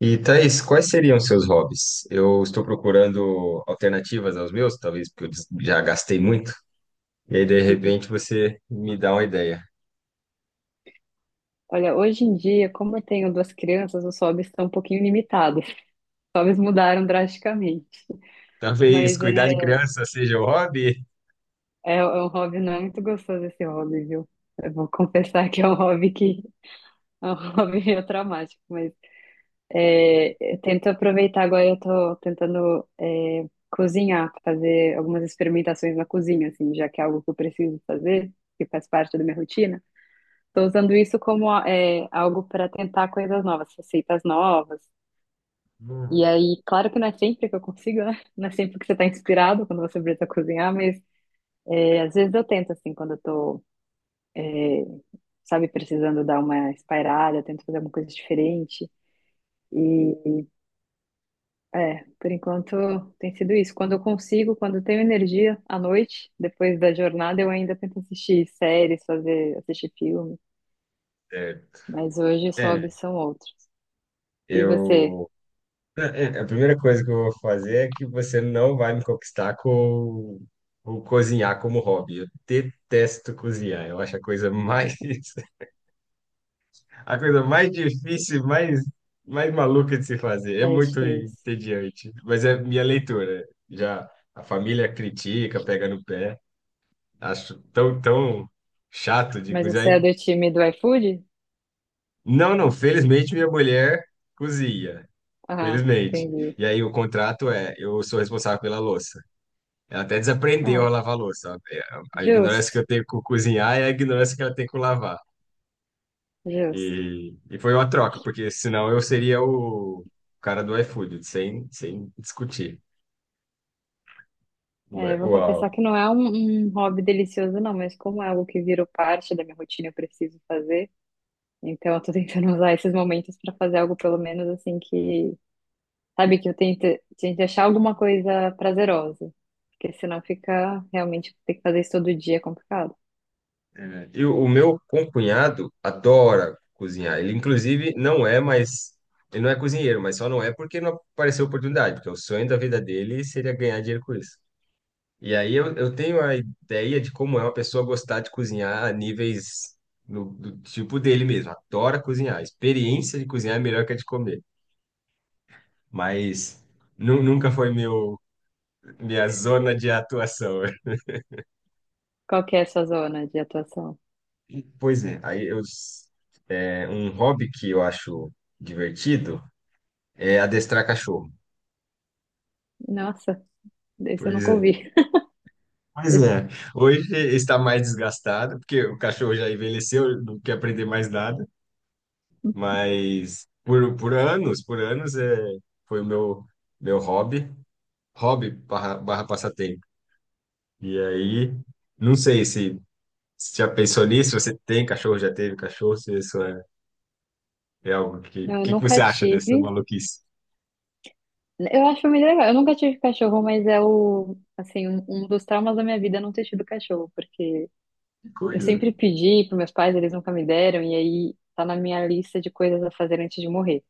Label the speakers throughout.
Speaker 1: E Thaís, quais seriam seus hobbies? Eu estou procurando alternativas aos meus, talvez porque já gastei muito. E aí, de
Speaker 2: Uhum.
Speaker 1: repente, você me dá uma ideia.
Speaker 2: Olha, hoje em dia, como eu tenho duas crianças, os hobbies estão um pouquinho limitados. Os hobbies mudaram drasticamente.
Speaker 1: Talvez
Speaker 2: Mas é,
Speaker 1: cuidar de criança seja o hobby?
Speaker 2: é um hobby, não é muito gostoso esse hobby, viu? Eu vou confessar que é um hobby que é um hobby meio traumático, mas é, eu tento aproveitar agora, eu tô tentando cozinhar, fazer algumas experimentações na cozinha, assim, já que é algo que eu preciso fazer, que faz parte da minha rotina. Estou usando isso como algo para tentar coisas novas, receitas novas. E
Speaker 1: Hum,
Speaker 2: aí, claro que não é sempre que eu consigo, né? Não é sempre que você está inspirado quando você precisa cozinhar, mas é, às vezes eu tento, assim, quando eu tô, sabe, precisando dar uma espairada, eu tento fazer alguma coisa diferente. E, é, por enquanto tem sido isso. Quando eu consigo, quando eu tenho energia à noite, depois da jornada, eu ainda tento assistir séries, fazer, assistir filme.
Speaker 1: certo.
Speaker 2: Mas hoje os
Speaker 1: É,
Speaker 2: hobbies são outros. E você,
Speaker 1: eu. é, A primeira coisa que eu vou fazer é que você não vai me conquistar com o cozinhar como hobby. Eu detesto cozinhar, eu acho a coisa mais A coisa mais difícil, mais maluca de se fazer. É
Speaker 2: Ed,
Speaker 1: muito
Speaker 2: fez?
Speaker 1: entediante. Mas é minha leitura. Já a família critica, pega no pé. Acho tão chato de
Speaker 2: Mas você
Speaker 1: cozinhar.
Speaker 2: é do time do iFood?
Speaker 1: Não, não. Felizmente, minha mulher cozinha.
Speaker 2: Ah,
Speaker 1: Felizmente.
Speaker 2: entendi.
Speaker 1: E aí o contrato é, eu sou responsável pela louça. Ela até desaprendeu
Speaker 2: Ah,
Speaker 1: a lavar louça. A ignorância que
Speaker 2: justo,
Speaker 1: eu tenho com cozinhar é a ignorância que ela tem com lavar.
Speaker 2: justo.
Speaker 1: E foi uma troca, porque senão eu seria o cara do iFood, sem discutir.
Speaker 2: É,
Speaker 1: Mas,
Speaker 2: vou confessar
Speaker 1: uau.
Speaker 2: que não é um hobby delicioso, não, mas como é algo que virou parte da minha rotina, eu preciso fazer. Então, eu tô tentando usar esses momentos para fazer algo, pelo menos, assim, que. Sabe, que eu tento, tento achar alguma coisa prazerosa. Porque senão fica realmente ter que fazer isso todo dia é complicado.
Speaker 1: É. E o meu concunhado adora cozinhar. Ele, inclusive, não é mais. Ele não é cozinheiro, mas só não é porque não apareceu oportunidade, porque o sonho da vida dele seria ganhar dinheiro com isso. E aí eu tenho a ideia de como é uma pessoa gostar de cozinhar a níveis no, do tipo dele mesmo. Adora cozinhar. A experiência de cozinhar é melhor que a de comer. Mas. Nunca foi meu, minha zona de atuação.
Speaker 2: Qual que é a sua zona de atuação?
Speaker 1: Pois é, um hobby que eu acho divertido é adestrar cachorro.
Speaker 2: Nossa, esse eu
Speaker 1: Pois
Speaker 2: nunca
Speaker 1: é.
Speaker 2: ouvi.
Speaker 1: Pois é. Hoje está mais desgastado, porque o cachorro já envelheceu, não quer aprender mais nada, mas por anos, é, foi o meu hobby, hobby barra, barra passatempo. E aí, não sei se já pensou nisso, se você tem cachorro, já teve cachorro, se isso é algo que,
Speaker 2: Não, eu
Speaker 1: que que
Speaker 2: nunca
Speaker 1: você acha dessa
Speaker 2: tive.
Speaker 1: maluquice?
Speaker 2: Eu acho muito legal. Eu nunca tive cachorro, mas é o, assim, um dos traumas da minha vida é não ter tido cachorro, porque
Speaker 1: Que
Speaker 2: eu
Speaker 1: coisa.
Speaker 2: sempre pedi para meus pais, eles nunca me deram, e aí tá na minha lista de coisas a fazer antes de morrer.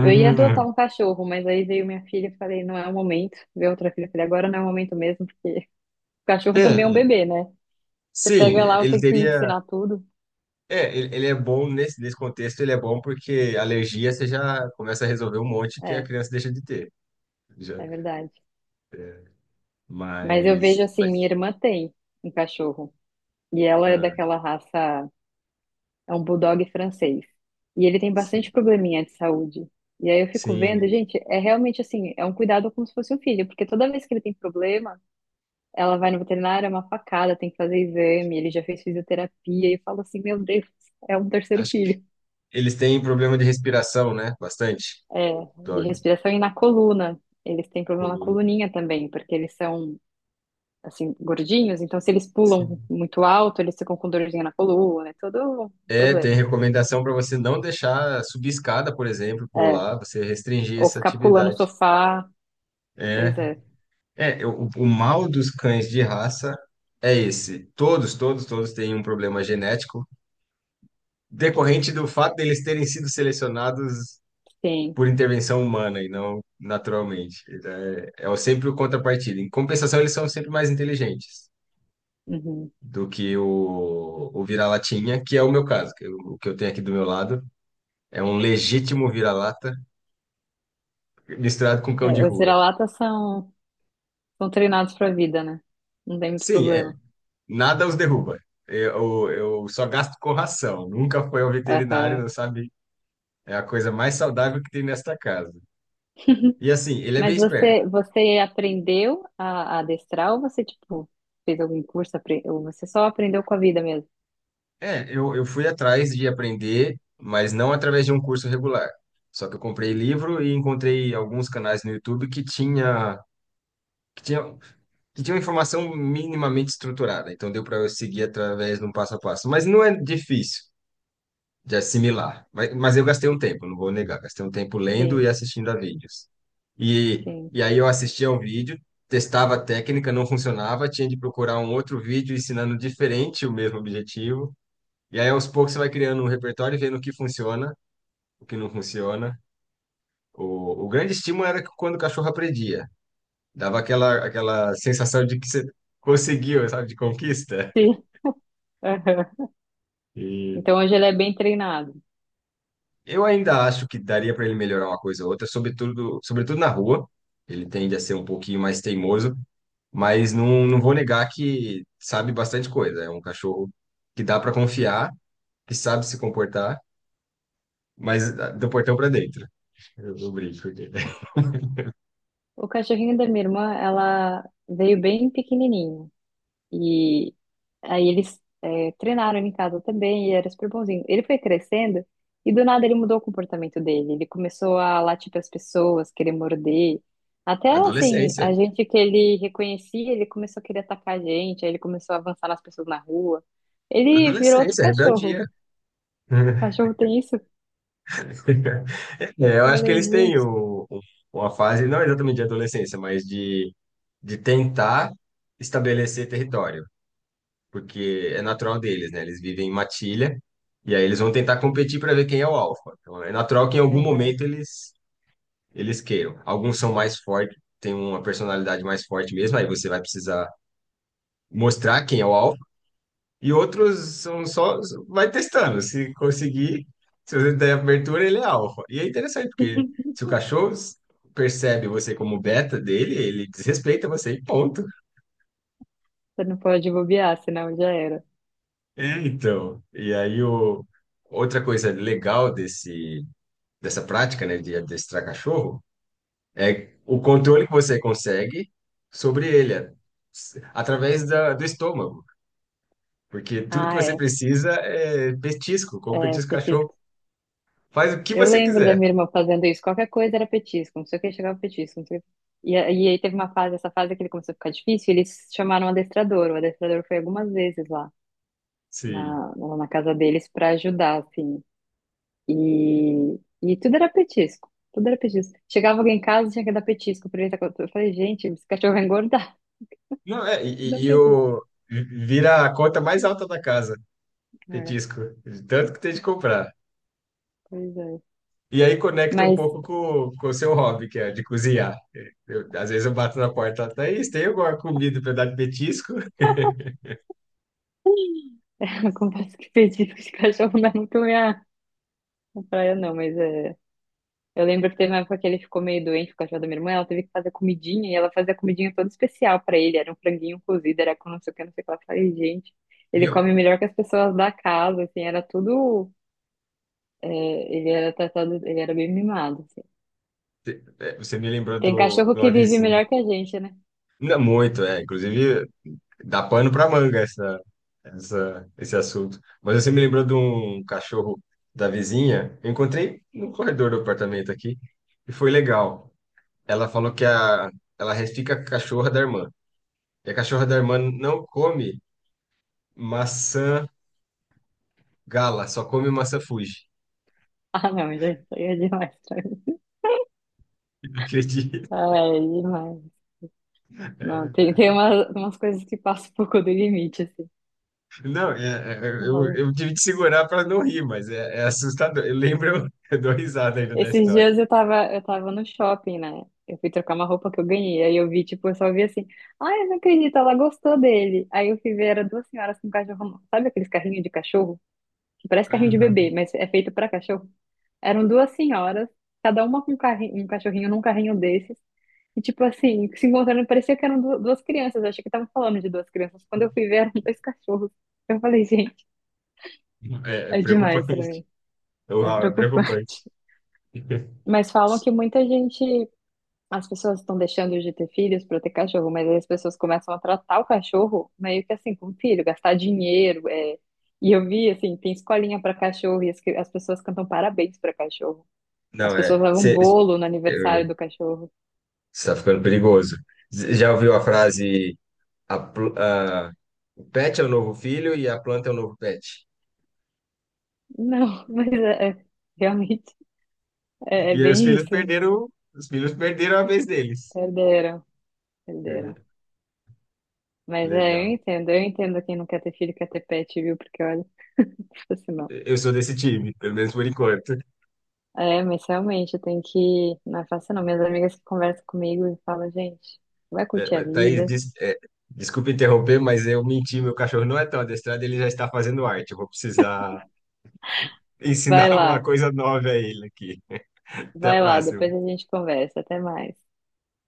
Speaker 2: Eu ia adotar um cachorro, mas aí veio minha filha e falei, não é o momento. Veio outra filha e falei, agora não é o momento mesmo, porque o cachorro também é um
Speaker 1: é,
Speaker 2: bebê, né? Você
Speaker 1: sim,
Speaker 2: pega lá,
Speaker 1: ele
Speaker 2: tem que
Speaker 1: teria.
Speaker 2: ensinar tudo.
Speaker 1: É, ele é bom nesse contexto, ele é bom porque alergia você já começa a resolver um monte que a
Speaker 2: É,
Speaker 1: criança deixa de ter. Já.
Speaker 2: é verdade. Mas eu
Speaker 1: Mas,
Speaker 2: vejo assim, minha
Speaker 1: mas
Speaker 2: irmã tem um cachorro, e ela é
Speaker 1: ah,
Speaker 2: daquela raça. É um bulldog francês. E ele tem
Speaker 1: sim,
Speaker 2: bastante probleminha de saúde. E aí eu fico vendo,
Speaker 1: sim.
Speaker 2: gente, é realmente assim, é um cuidado como se fosse um filho, porque toda vez que ele tem problema, ela vai no veterinário, é uma facada, tem que fazer exame, ele já fez fisioterapia, e eu falo assim, meu Deus, é um terceiro
Speaker 1: Acho que
Speaker 2: filho.
Speaker 1: eles têm problema de respiração, né? Bastante.
Speaker 2: É, de
Speaker 1: Dog,
Speaker 2: respiração e na coluna. Eles têm problema na
Speaker 1: coluna.
Speaker 2: coluninha também, porque eles são, assim, gordinhos, então se eles pulam
Speaker 1: Sim.
Speaker 2: muito alto, eles ficam com dorzinha na coluna, é todo um
Speaker 1: É, tem
Speaker 2: problema, assim.
Speaker 1: recomendação para você não deixar subir escada, por exemplo,
Speaker 2: É,
Speaker 1: pular, você restringir
Speaker 2: ou
Speaker 1: essa
Speaker 2: ficar pulando o
Speaker 1: atividade.
Speaker 2: sofá,
Speaker 1: É.
Speaker 2: pois é.
Speaker 1: É, o mal dos cães de raça é esse. Todos têm um problema genético decorrente do fato deles terem sido selecionados
Speaker 2: Sim.
Speaker 1: por intervenção humana e não naturalmente. Então, é sempre o contrapartida. Em compensação, eles são sempre mais inteligentes
Speaker 2: Uhum.
Speaker 1: do que o vira-latinha, que é o meu caso, o que eu tenho aqui do meu lado é um legítimo vira-lata misturado com cão
Speaker 2: É,
Speaker 1: de
Speaker 2: os
Speaker 1: rua.
Speaker 2: vira-latas são, são treinados para a vida, né? Não tem muito
Speaker 1: Sim, é,
Speaker 2: problema.
Speaker 1: nada os derruba. Eu só gasto com ração. Nunca foi ao veterinário,
Speaker 2: Aham.
Speaker 1: não sabe? É a coisa mais saudável que tem nesta casa. E assim, ele é bem
Speaker 2: Mas
Speaker 1: esperto.
Speaker 2: você, você aprendeu a adestrar ou você, tipo, fez algum curso, apre- ou você só aprendeu com a vida mesmo?
Speaker 1: É, eu fui atrás de aprender, mas não através de um curso regular. Só que eu comprei livro e encontrei alguns canais no YouTube que tinha, que tinha informação minimamente estruturada. Então deu para eu seguir através de um passo a passo. Mas não é difícil de assimilar. Mas eu gastei um tempo, não vou negar, gastei um tempo lendo
Speaker 2: Sim,
Speaker 1: e assistindo a vídeos. E,
Speaker 2: sim,
Speaker 1: e aí eu assistia um vídeo, testava a técnica, não funcionava, tinha de procurar um outro vídeo ensinando diferente o mesmo objetivo. E aí aos poucos você vai criando um repertório e vendo o que funciona, o que não funciona. O grande estímulo era que quando o cachorro aprendia, dava aquela sensação de que você conseguiu, sabe, de conquista.
Speaker 2: sim. Aham. Então hoje ele é bem treinado.
Speaker 1: Eu ainda acho que daria para ele melhorar uma coisa ou outra, sobretudo na rua. Ele tende a ser um pouquinho mais teimoso, mas não vou negar que sabe bastante coisa. É um cachorro que dá para confiar, que sabe se comportar, mas ah, do portão para dentro. Eu brinco porque-
Speaker 2: O cachorrinho da minha irmã, ela veio bem pequenininho. E aí eles treinaram ele em casa também e era super bonzinho. Ele foi crescendo e do nada ele mudou o comportamento dele. Ele começou a latir para as pessoas, querer morder. Até assim,
Speaker 1: Adolescência.
Speaker 2: a gente que ele reconhecia, ele começou a querer atacar a gente, aí ele começou a avançar nas pessoas na rua. Ele virou outro
Speaker 1: Adolescência,
Speaker 2: cachorro.
Speaker 1: rebeldia.
Speaker 2: Cachorro tem isso?
Speaker 1: É, eu acho que
Speaker 2: Falei,
Speaker 1: eles têm
Speaker 2: gente.
Speaker 1: uma fase, não exatamente de adolescência, mas de tentar estabelecer território, porque é natural deles, né? Eles vivem em matilha e aí eles vão tentar competir para ver quem é o alfa. Então é natural que em algum
Speaker 2: Aham.
Speaker 1: momento eles queiram. Alguns são mais fortes, têm uma personalidade mais forte mesmo, aí você vai precisar mostrar quem é o alfa. E outros são só vai testando, se conseguir, se você der abertura, ele é alfa. E é interessante porque se o cachorro percebe você como beta dele, ele desrespeita você e ponto.
Speaker 2: Você não pode bobear, senão já era.
Speaker 1: É, então. E aí o outra coisa legal desse dessa prática, né, de adestrar cachorro, é o controle que você consegue sobre ele, é, através do estômago. Porque tudo que
Speaker 2: Ah,
Speaker 1: você
Speaker 2: é.
Speaker 1: precisa é petisco, como
Speaker 2: É,
Speaker 1: petisco cachorro. Faz o que
Speaker 2: eu
Speaker 1: você
Speaker 2: lembro da
Speaker 1: quiser.
Speaker 2: minha irmã fazendo isso. Qualquer coisa era petisco, não sei o que, chegava petisco. Não sei o quê. E, a- e aí teve uma fase, essa fase que ele começou a ficar difícil, e eles chamaram um adestrador. O adestrador foi algumas vezes lá
Speaker 1: Sim.
Speaker 2: lá na casa deles para ajudar, assim. E tudo era petisco, tudo era petisco. Chegava alguém em casa, tinha que dar petisco pra ele. Tá com- Eu falei, gente, esse cachorro vai engordar.
Speaker 1: Não, é, e,
Speaker 2: Dá um
Speaker 1: e e
Speaker 2: petisco.
Speaker 1: vira a conta mais alta da casa,
Speaker 2: É,
Speaker 1: petisco. De Tanto que tem de comprar.
Speaker 2: pois é.
Speaker 1: E aí conecta um
Speaker 2: Mas
Speaker 1: pouco com o seu hobby, que é de cozinhar. Às vezes eu bato na porta, Thaís, tem alguma comida para dar de petisco?
Speaker 2: eu confesso que petisco de cachorro não é muito minha praia, não, mas é. Eu lembro que teve uma época que ele ficou meio doente, o cachorro da minha irmã, ela teve que fazer comidinha e ela fazia comidinha toda especial pra ele. Era um franguinho cozido, era com não sei o que, não sei o que. Lá. Eu falei, gente,
Speaker 1: E
Speaker 2: ele
Speaker 1: eu
Speaker 2: come melhor que as pessoas da casa, assim, era tudo. É, ele era tratado, ele era bem mimado, assim.
Speaker 1: É, você me lembrou
Speaker 2: Tem cachorro
Speaker 1: do
Speaker 2: que vive
Speaker 1: avizinho.
Speaker 2: melhor que a gente, né?
Speaker 1: Não muito, é. Inclusive, dá pano pra manga esse assunto. Mas você me lembrou de um cachorro da vizinha. Eu encontrei no corredor do apartamento aqui e foi legal. Ela falou ela restica a cachorra da irmã. E a cachorra da irmã não come maçã gala, só come maçã Fuji.
Speaker 2: Ah, não, gente, isso aí é demais pra mim.
Speaker 1: Acredito.
Speaker 2: Ah, é demais. Não, tem,
Speaker 1: É.
Speaker 2: tem umas, umas coisas que passam um pouco do limite, assim.
Speaker 1: Não, é,
Speaker 2: Eu falo,
Speaker 1: eu tive que segurar para não rir, mas é, é assustador. Eu lembro, eu dou risada ainda da
Speaker 2: esses
Speaker 1: história.
Speaker 2: dias eu tava no shopping, né? Eu fui trocar uma roupa que eu ganhei. Aí eu vi, tipo, eu só vi assim, ai, eu não acredito, ela gostou dele. Aí eu fui ver, era duas senhoras com cachorro. Sabe aqueles carrinhos de cachorro? Que parece carrinho de
Speaker 1: Aham.
Speaker 2: bebê, mas é feito pra cachorro. Eram duas senhoras, cada uma com um carrinho, um cachorrinho num carrinho desses. E, tipo assim, se encontrando, parecia que eram du- duas crianças. Eu achei que estavam falando de duas crianças. Quando eu fui ver, eram dois cachorros. Eu falei, gente,
Speaker 1: É, é
Speaker 2: é demais pra
Speaker 1: preocupante.
Speaker 2: mim. É
Speaker 1: Uau, é
Speaker 2: preocupante.
Speaker 1: preocupante.
Speaker 2: Mas falam que muita gente. As pessoas estão deixando de ter filhos para ter cachorro, mas aí as pessoas começam a tratar o cachorro meio que assim, como filho, gastar dinheiro. É. E eu vi, assim, tem escolinha para cachorro e as, cri- as pessoas cantam parabéns para cachorro. As
Speaker 1: Não,
Speaker 2: pessoas
Speaker 1: é.
Speaker 2: levam
Speaker 1: Você
Speaker 2: bolo no aniversário do cachorro.
Speaker 1: está ficando perigoso. Cê já ouviu a frase: a, pl- a- o pet é o novo filho e a planta é o novo pet?
Speaker 2: Não, mas é, é- realmente é, é
Speaker 1: E aí
Speaker 2: bem isso, hein?
Speaker 1: os filhos perderam a vez deles.
Speaker 2: Perderam, perderam.
Speaker 1: É,
Speaker 2: Mas é,
Speaker 1: legal.
Speaker 2: eu entendo quem não quer ter filho, quer ter pet, viu? Porque olha, se não.
Speaker 1: Eu sou desse time, pelo menos por enquanto.
Speaker 2: É, mas realmente eu tenho que. Não é fácil não. Minhas amigas que conversam comigo e falam, gente, vai
Speaker 1: É,
Speaker 2: curtir a
Speaker 1: mas, Thaís,
Speaker 2: vida.
Speaker 1: desculpa interromper, mas eu menti. Meu cachorro não é tão adestrado, ele já está fazendo arte. Eu vou precisar
Speaker 2: Vai
Speaker 1: ensinar uma
Speaker 2: lá,
Speaker 1: coisa nova a ele aqui. Até a
Speaker 2: vai lá,
Speaker 1: próxima.
Speaker 2: depois a gente conversa. Até mais.